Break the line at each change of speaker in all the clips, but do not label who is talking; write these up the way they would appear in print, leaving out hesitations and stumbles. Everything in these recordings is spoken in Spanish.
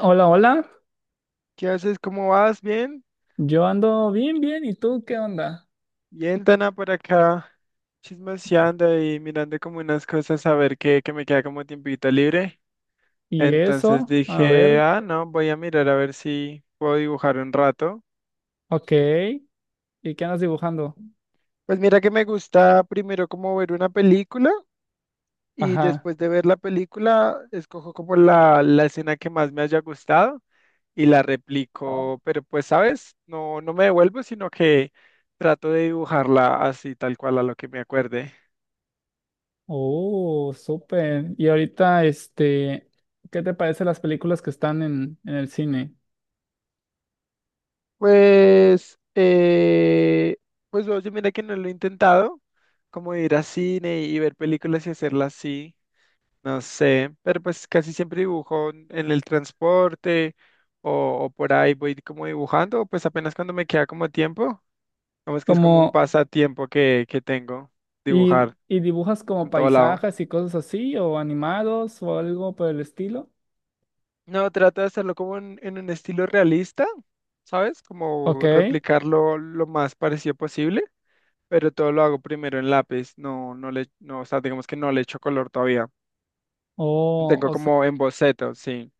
Hola, hola.
¿Qué haces? ¿Cómo vas? ¿Bien?
Yo ando bien, bien. ¿Y tú qué onda?
Bien, Tana, por acá chismoseando y mirando como unas cosas a ver qué, que me queda como tiempito libre.
¿Y
Entonces
eso? A
dije,
ver.
ah, no, voy a mirar a ver si puedo dibujar un rato.
Ok. ¿Y qué andas dibujando?
Pues mira que me gusta primero como ver una película y
Ajá.
después de ver la película escojo como la escena que más me haya gustado y la replico, pero pues, ¿sabes? No me devuelvo, sino que trato de dibujarla así tal cual a lo que me acuerde.
Oh, súper. Y ahorita, ¿qué te parecen las películas que están en el cine?
Pues, pues oye, mira que no lo he intentado, como ir a cine y ver películas y hacerlas así, no sé, pero pues casi siempre dibujo en el transporte o por ahí voy como dibujando, pues apenas cuando me queda como tiempo, vamos que es como un
Como,
pasatiempo que tengo, dibujar
¿y dibujas como
en todo lado.
paisajes y cosas así, o animados, o algo por el estilo?
No, trato de hacerlo como en un estilo realista, ¿sabes?
Ok.
Como replicarlo lo más parecido posible. Pero todo lo hago primero en lápiz, no, no le, no, o sea, digamos que no le echo color todavía.
Oh,
Tengo
o se-
como en boceto, sí.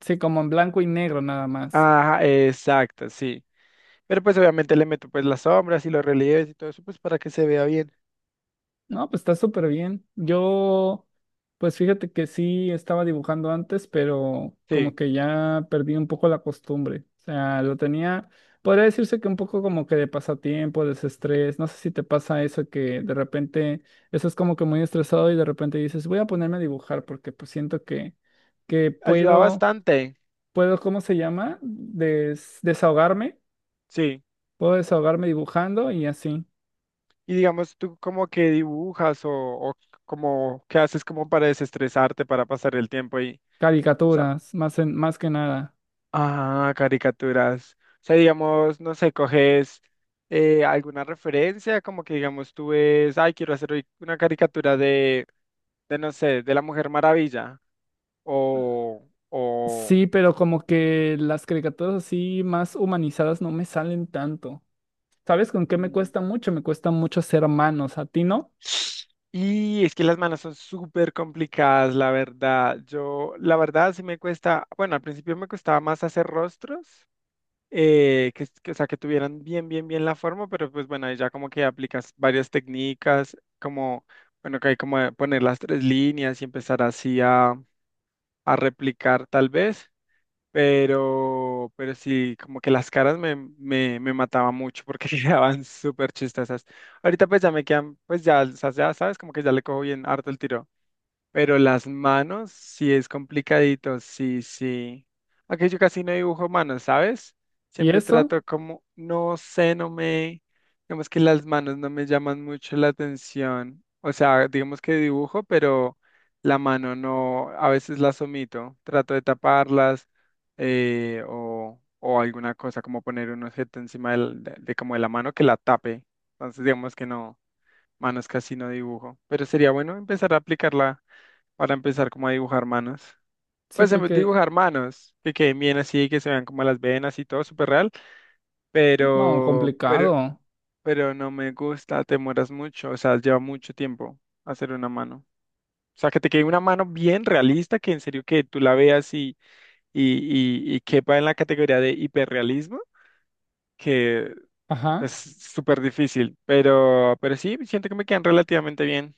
sí, como en blanco y negro nada más.
Ajá, exacto, sí. Pero pues obviamente le meto pues las sombras y los relieves y todo eso, pues para que se vea bien.
No, pues está súper bien. Pues fíjate que sí estaba dibujando antes, pero como
Sí,
que ya perdí un poco la costumbre. O sea, lo tenía, podría decirse que un poco como que de pasatiempo, desestrés. No sé si te pasa eso que de repente estás como que muy estresado y de repente dices, voy a ponerme a dibujar porque pues siento que
ayuda
puedo,
bastante,
puedo, ¿cómo se llama? Desahogarme.
sí.
Puedo desahogarme dibujando y así.
Y digamos, tú como que dibujas o como qué haces como para desestresarte, para pasar el tiempo ahí.
Caricaturas, más que nada.
Ah, caricaturas. O sea, digamos, no sé, coges alguna referencia, como que digamos tú ves, ay, quiero hacer hoy una caricatura de no sé, de la Mujer Maravilla. O.
Sí, pero como que las caricaturas así más humanizadas no me salen tanto. ¿Sabes con qué me
Mm.
cuesta mucho? Me cuesta mucho ser hermanos, ¿a ti no?
Y es que las manos son súper complicadas, la verdad. Yo, la verdad, sí me cuesta, bueno, al principio me costaba más hacer rostros. Que- o sea, que tuvieran bien, bien, bien la forma, pero pues bueno, ahí ya como que aplicas varias técnicas, como, bueno, que hay como de poner las tres líneas y empezar así a replicar tal vez, pero sí, como que las caras me, me, me mataban mucho porque quedaban súper chistosas. Ahorita pues ya me quedan, pues ya, o sea, ya sabes, como que ya le cojo bien harto el tiro. Pero las manos sí es complicadito, sí, sí. Aunque yo casi no dibujo manos, ¿sabes?
¿Y
Siempre
eso?
trato como, no sé, no me, digamos que las manos no me llaman mucho la atención. O sea, digamos que dibujo, pero la mano no, a veces las omito. Trato de taparlas o alguna cosa como poner un objeto encima del- de como de la mano que la tape. Entonces, digamos que no, manos casi no dibujo. Pero sería bueno empezar a aplicarla para empezar como a dibujar manos.
Sí,
Pues
porque,
dibujar manos, que queden bien así, que se vean como las venas y todo súper real,
no,
pero, pero,
complicado.
pero no me gusta, te mueras mucho, o sea, lleva mucho tiempo hacer una mano. O sea, que te quede una mano bien realista, que en serio que tú la veas y, y quepa en la categoría de hiperrealismo, que es
Ajá.
súper difícil, pero sí, siento que me quedan relativamente bien.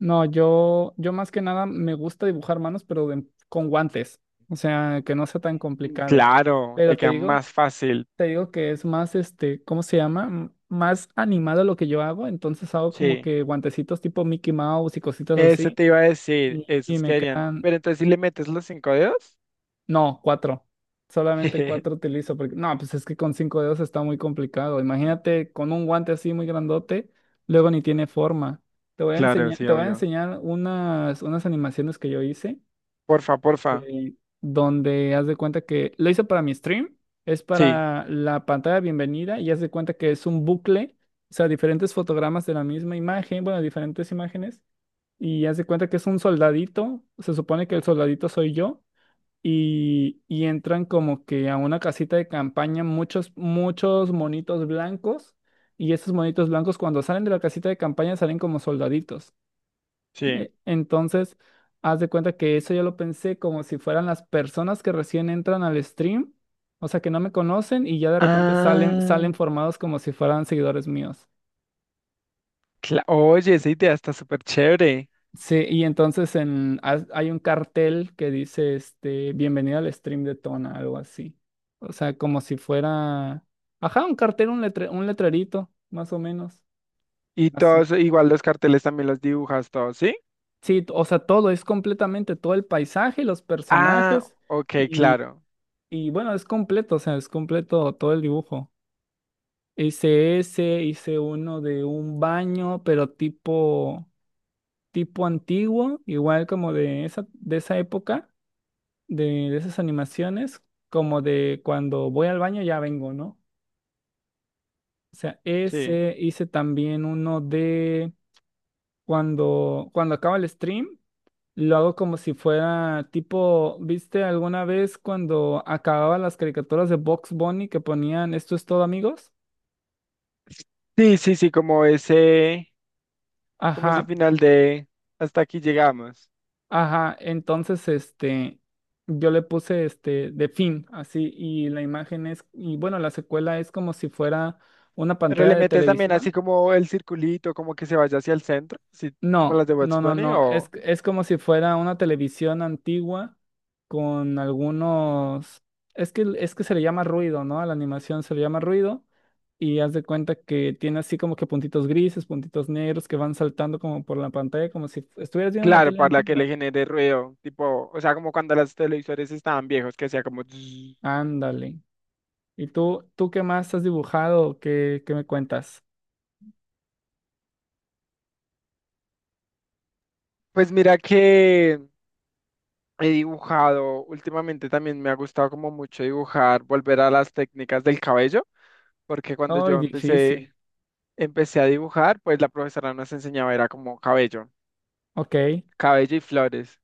No, yo más que nada me gusta dibujar manos, pero con guantes. O sea, que no sea tan complicado.
Claro, te
Pero
quedan más fácil,
te digo que es más, ¿cómo se llama? Más animado lo que yo hago. Entonces hago como
sí.
que guantecitos tipo Mickey Mouse y cositas
Eso
así.
te iba a decir,
Y, y
esos que
me
harían.
quedan,
Pero entonces, ¿si le metes los cinco dedos?
No, cuatro. Solamente cuatro utilizo porque no, pues es que con cinco dedos está muy complicado. Imagínate con un guante así muy grandote, luego ni tiene forma. Te voy a
Claro,
enseñar,
sí,
te voy a
obvio.
enseñar unas animaciones que yo hice
Porfa, porfa.
de- donde haz de cuenta que lo hice para mi stream, es
Sí,
para la pantalla de bienvenida y haz de cuenta que es un bucle, o sea, diferentes fotogramas de la misma imagen, bueno, diferentes imágenes y haz de cuenta que es un soldadito, se supone que el soldadito soy yo y entran como que a una casita de campaña muchos, muchos monitos blancos y esos monitos blancos cuando salen de la casita de campaña salen como soldaditos.
sí.
Entonces, haz de cuenta que eso yo lo pensé como si fueran las personas que recién entran al stream, o sea, que no me conocen y ya de repente
Ah,
salen formados como si fueran seguidores míos.
cla- oye, esa idea está súper chévere.
Sí, y entonces hay un cartel que dice, este, bienvenido al stream de Tona, algo así. O sea, como si fuera, ajá, un cartel, un letrerito, más o menos,
Y
así.
todos, igual los carteles también los dibujas todos, ¿sí?
Sí, o sea, todo, es completamente todo el paisaje, los
Ah,
personajes,
ok,
y,
claro.
y bueno, es completo, o sea, es completo todo el dibujo. Hice ese, hice uno de un baño, pero tipo, tipo antiguo, igual como de esa época de, de esas animaciones, como de cuando voy al baño ya vengo, ¿no? O sea,
Sí.
ese hice también uno de cuando acaba el stream, lo hago como si fuera tipo, ¿viste alguna vez cuando acababan las caricaturas de Box Bunny que ponían esto es todo, amigos?
Sí, sí, sí, como ese
Ajá,
final de hasta aquí llegamos.
ajá, entonces este, yo le puse este de fin, así, y la imagen es, y bueno, la secuela es como si fuera una
Pero
pantalla
le
de
metes también así
televisión.
como el circulito, como que se vaya hacia el centro, así como las
No,
de What's
no, no,
Bunny,
no.
o.
Es como si fuera una televisión antigua con algunos... es que se le llama ruido, ¿no? A la animación se le llama ruido y haz de cuenta que tiene así como que puntitos grises, puntitos negros que van saltando como por la pantalla, como si estuvieras viendo una
Claro,
tele
para que le
antigua.
genere ruido, tipo, o sea, como cuando los televisores estaban viejos, que hacía como... tss.
Ándale. ¿Y tú qué más has dibujado? ¿Qué, qué me cuentas?
Pues mira que he dibujado, últimamente también me ha gustado como mucho dibujar, volver a las técnicas del cabello, porque cuando
Ay,
yo
difícil.
empecé, empecé a dibujar, pues la profesora nos enseñaba era como cabello,
Ok.
cabello y flores,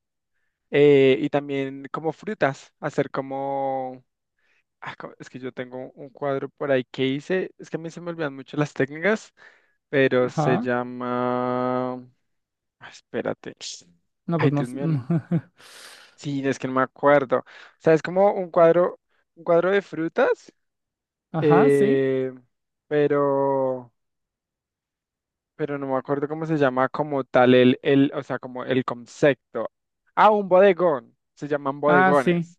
y también como frutas, hacer como... ah, co- es que yo tengo un cuadro por ahí que hice, es que a mí se me olvidan mucho las técnicas pero se
Ajá.
llama... ah, espérate.
No,
Ay,
pues no.
Dios
s-
mío. No- sí, es que no me acuerdo. O sea, es como un cuadro de frutas,
Ajá, sí.
eh, pero, pero no me acuerdo cómo se llama como tal el, o sea, como el concepto. Ah, un bodegón. Se llaman
Ah, sí.
bodegones.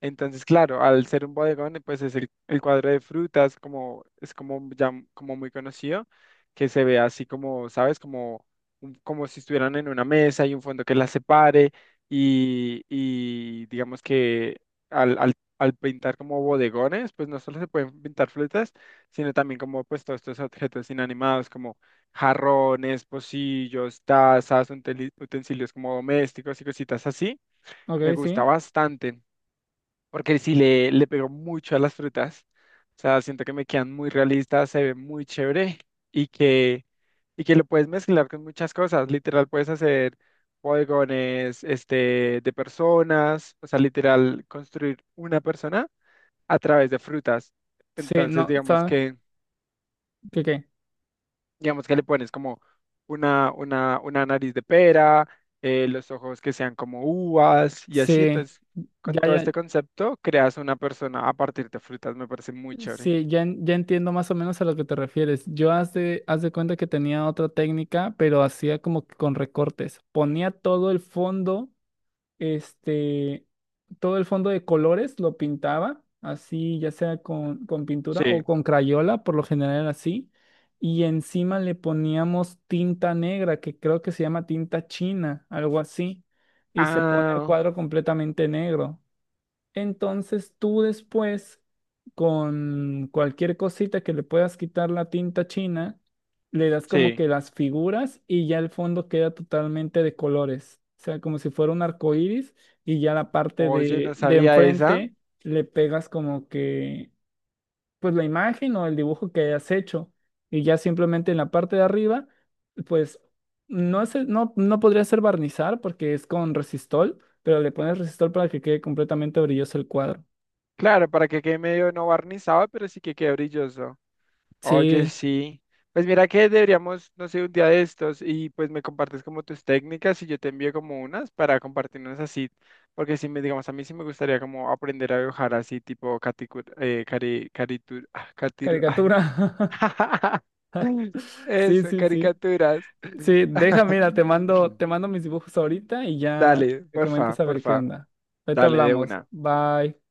Entonces, claro, al ser un bodegón, pues es el cuadro de frutas, como es como ya m- como muy conocido, que se ve así como, ¿sabes? Como, un- como si estuvieran en una mesa y un fondo que las separe y digamos que al, al, al pintar como bodegones, pues no solo se pueden pintar frutas, sino también como pues todos estos objetos inanimados como jarrones, pocillos, tazas, unteli- utensilios como domésticos y cositas así. Me
Ok,
gusta
sí.
bastante porque sí le pego mucho a las frutas. O sea, siento que me quedan muy realistas, se ve muy chévere y que, y que lo puedes mezclar con muchas cosas. Literal, puedes hacer bodegones este, de personas, o sea, literal, construir una persona a través de frutas.
Sí,
Entonces,
no, ¿sabes? ¿Qué qué?
digamos que le pones como una nariz de pera, los ojos que sean como uvas y así.
Sí,
Entonces, con
ya,
todo este
ya,
concepto, creas una persona a partir de frutas. Me parece muy chévere.
sí, ya, ya entiendo más o menos a lo que te refieres. Yo haz de cuenta que tenía otra técnica, pero hacía como que con recortes. Ponía todo el fondo, este, todo el fondo de colores, lo pintaba, así, ya sea con pintura
Sí.
o con crayola, por lo general era así. Y encima le poníamos tinta negra, que creo que se llama tinta china, algo así. Y se pone el
Ah,
cuadro completamente negro. Entonces tú después, con cualquier cosita que le puedas quitar la tinta china, le das como que
sí.
las figuras y ya el fondo queda totalmente de colores. O sea, como si fuera un arco iris y ya la parte
Oye, no
de
sabía esa.
enfrente le pegas como que, pues la imagen o el dibujo que hayas hecho. Y ya simplemente en la parte de arriba, pues no es, no, no podría ser barnizar porque es con resistol pero le pones resistol para que quede completamente brilloso el cuadro.
Claro, para que quede medio no barnizado, pero sí que quede brilloso. Oye,
Sí,
sí. Pues mira que deberíamos, no sé, un día de estos y pues me compartes como tus técnicas y yo te envío como unas para compartirnos así, porque si me, digamos, a mí sí me gustaría como aprender a dibujar así tipo caricatura, cari, caritur- ah, catiru- ay.
caricatura. Sí,
Eso,
sí, sí.
caricaturas.
Sí, deja, mira, te mando mis dibujos ahorita y ya
Dale,
te
porfa,
comento a ver qué
porfa,
onda. Ahorita
dale de
hablamos.
una.
Bye.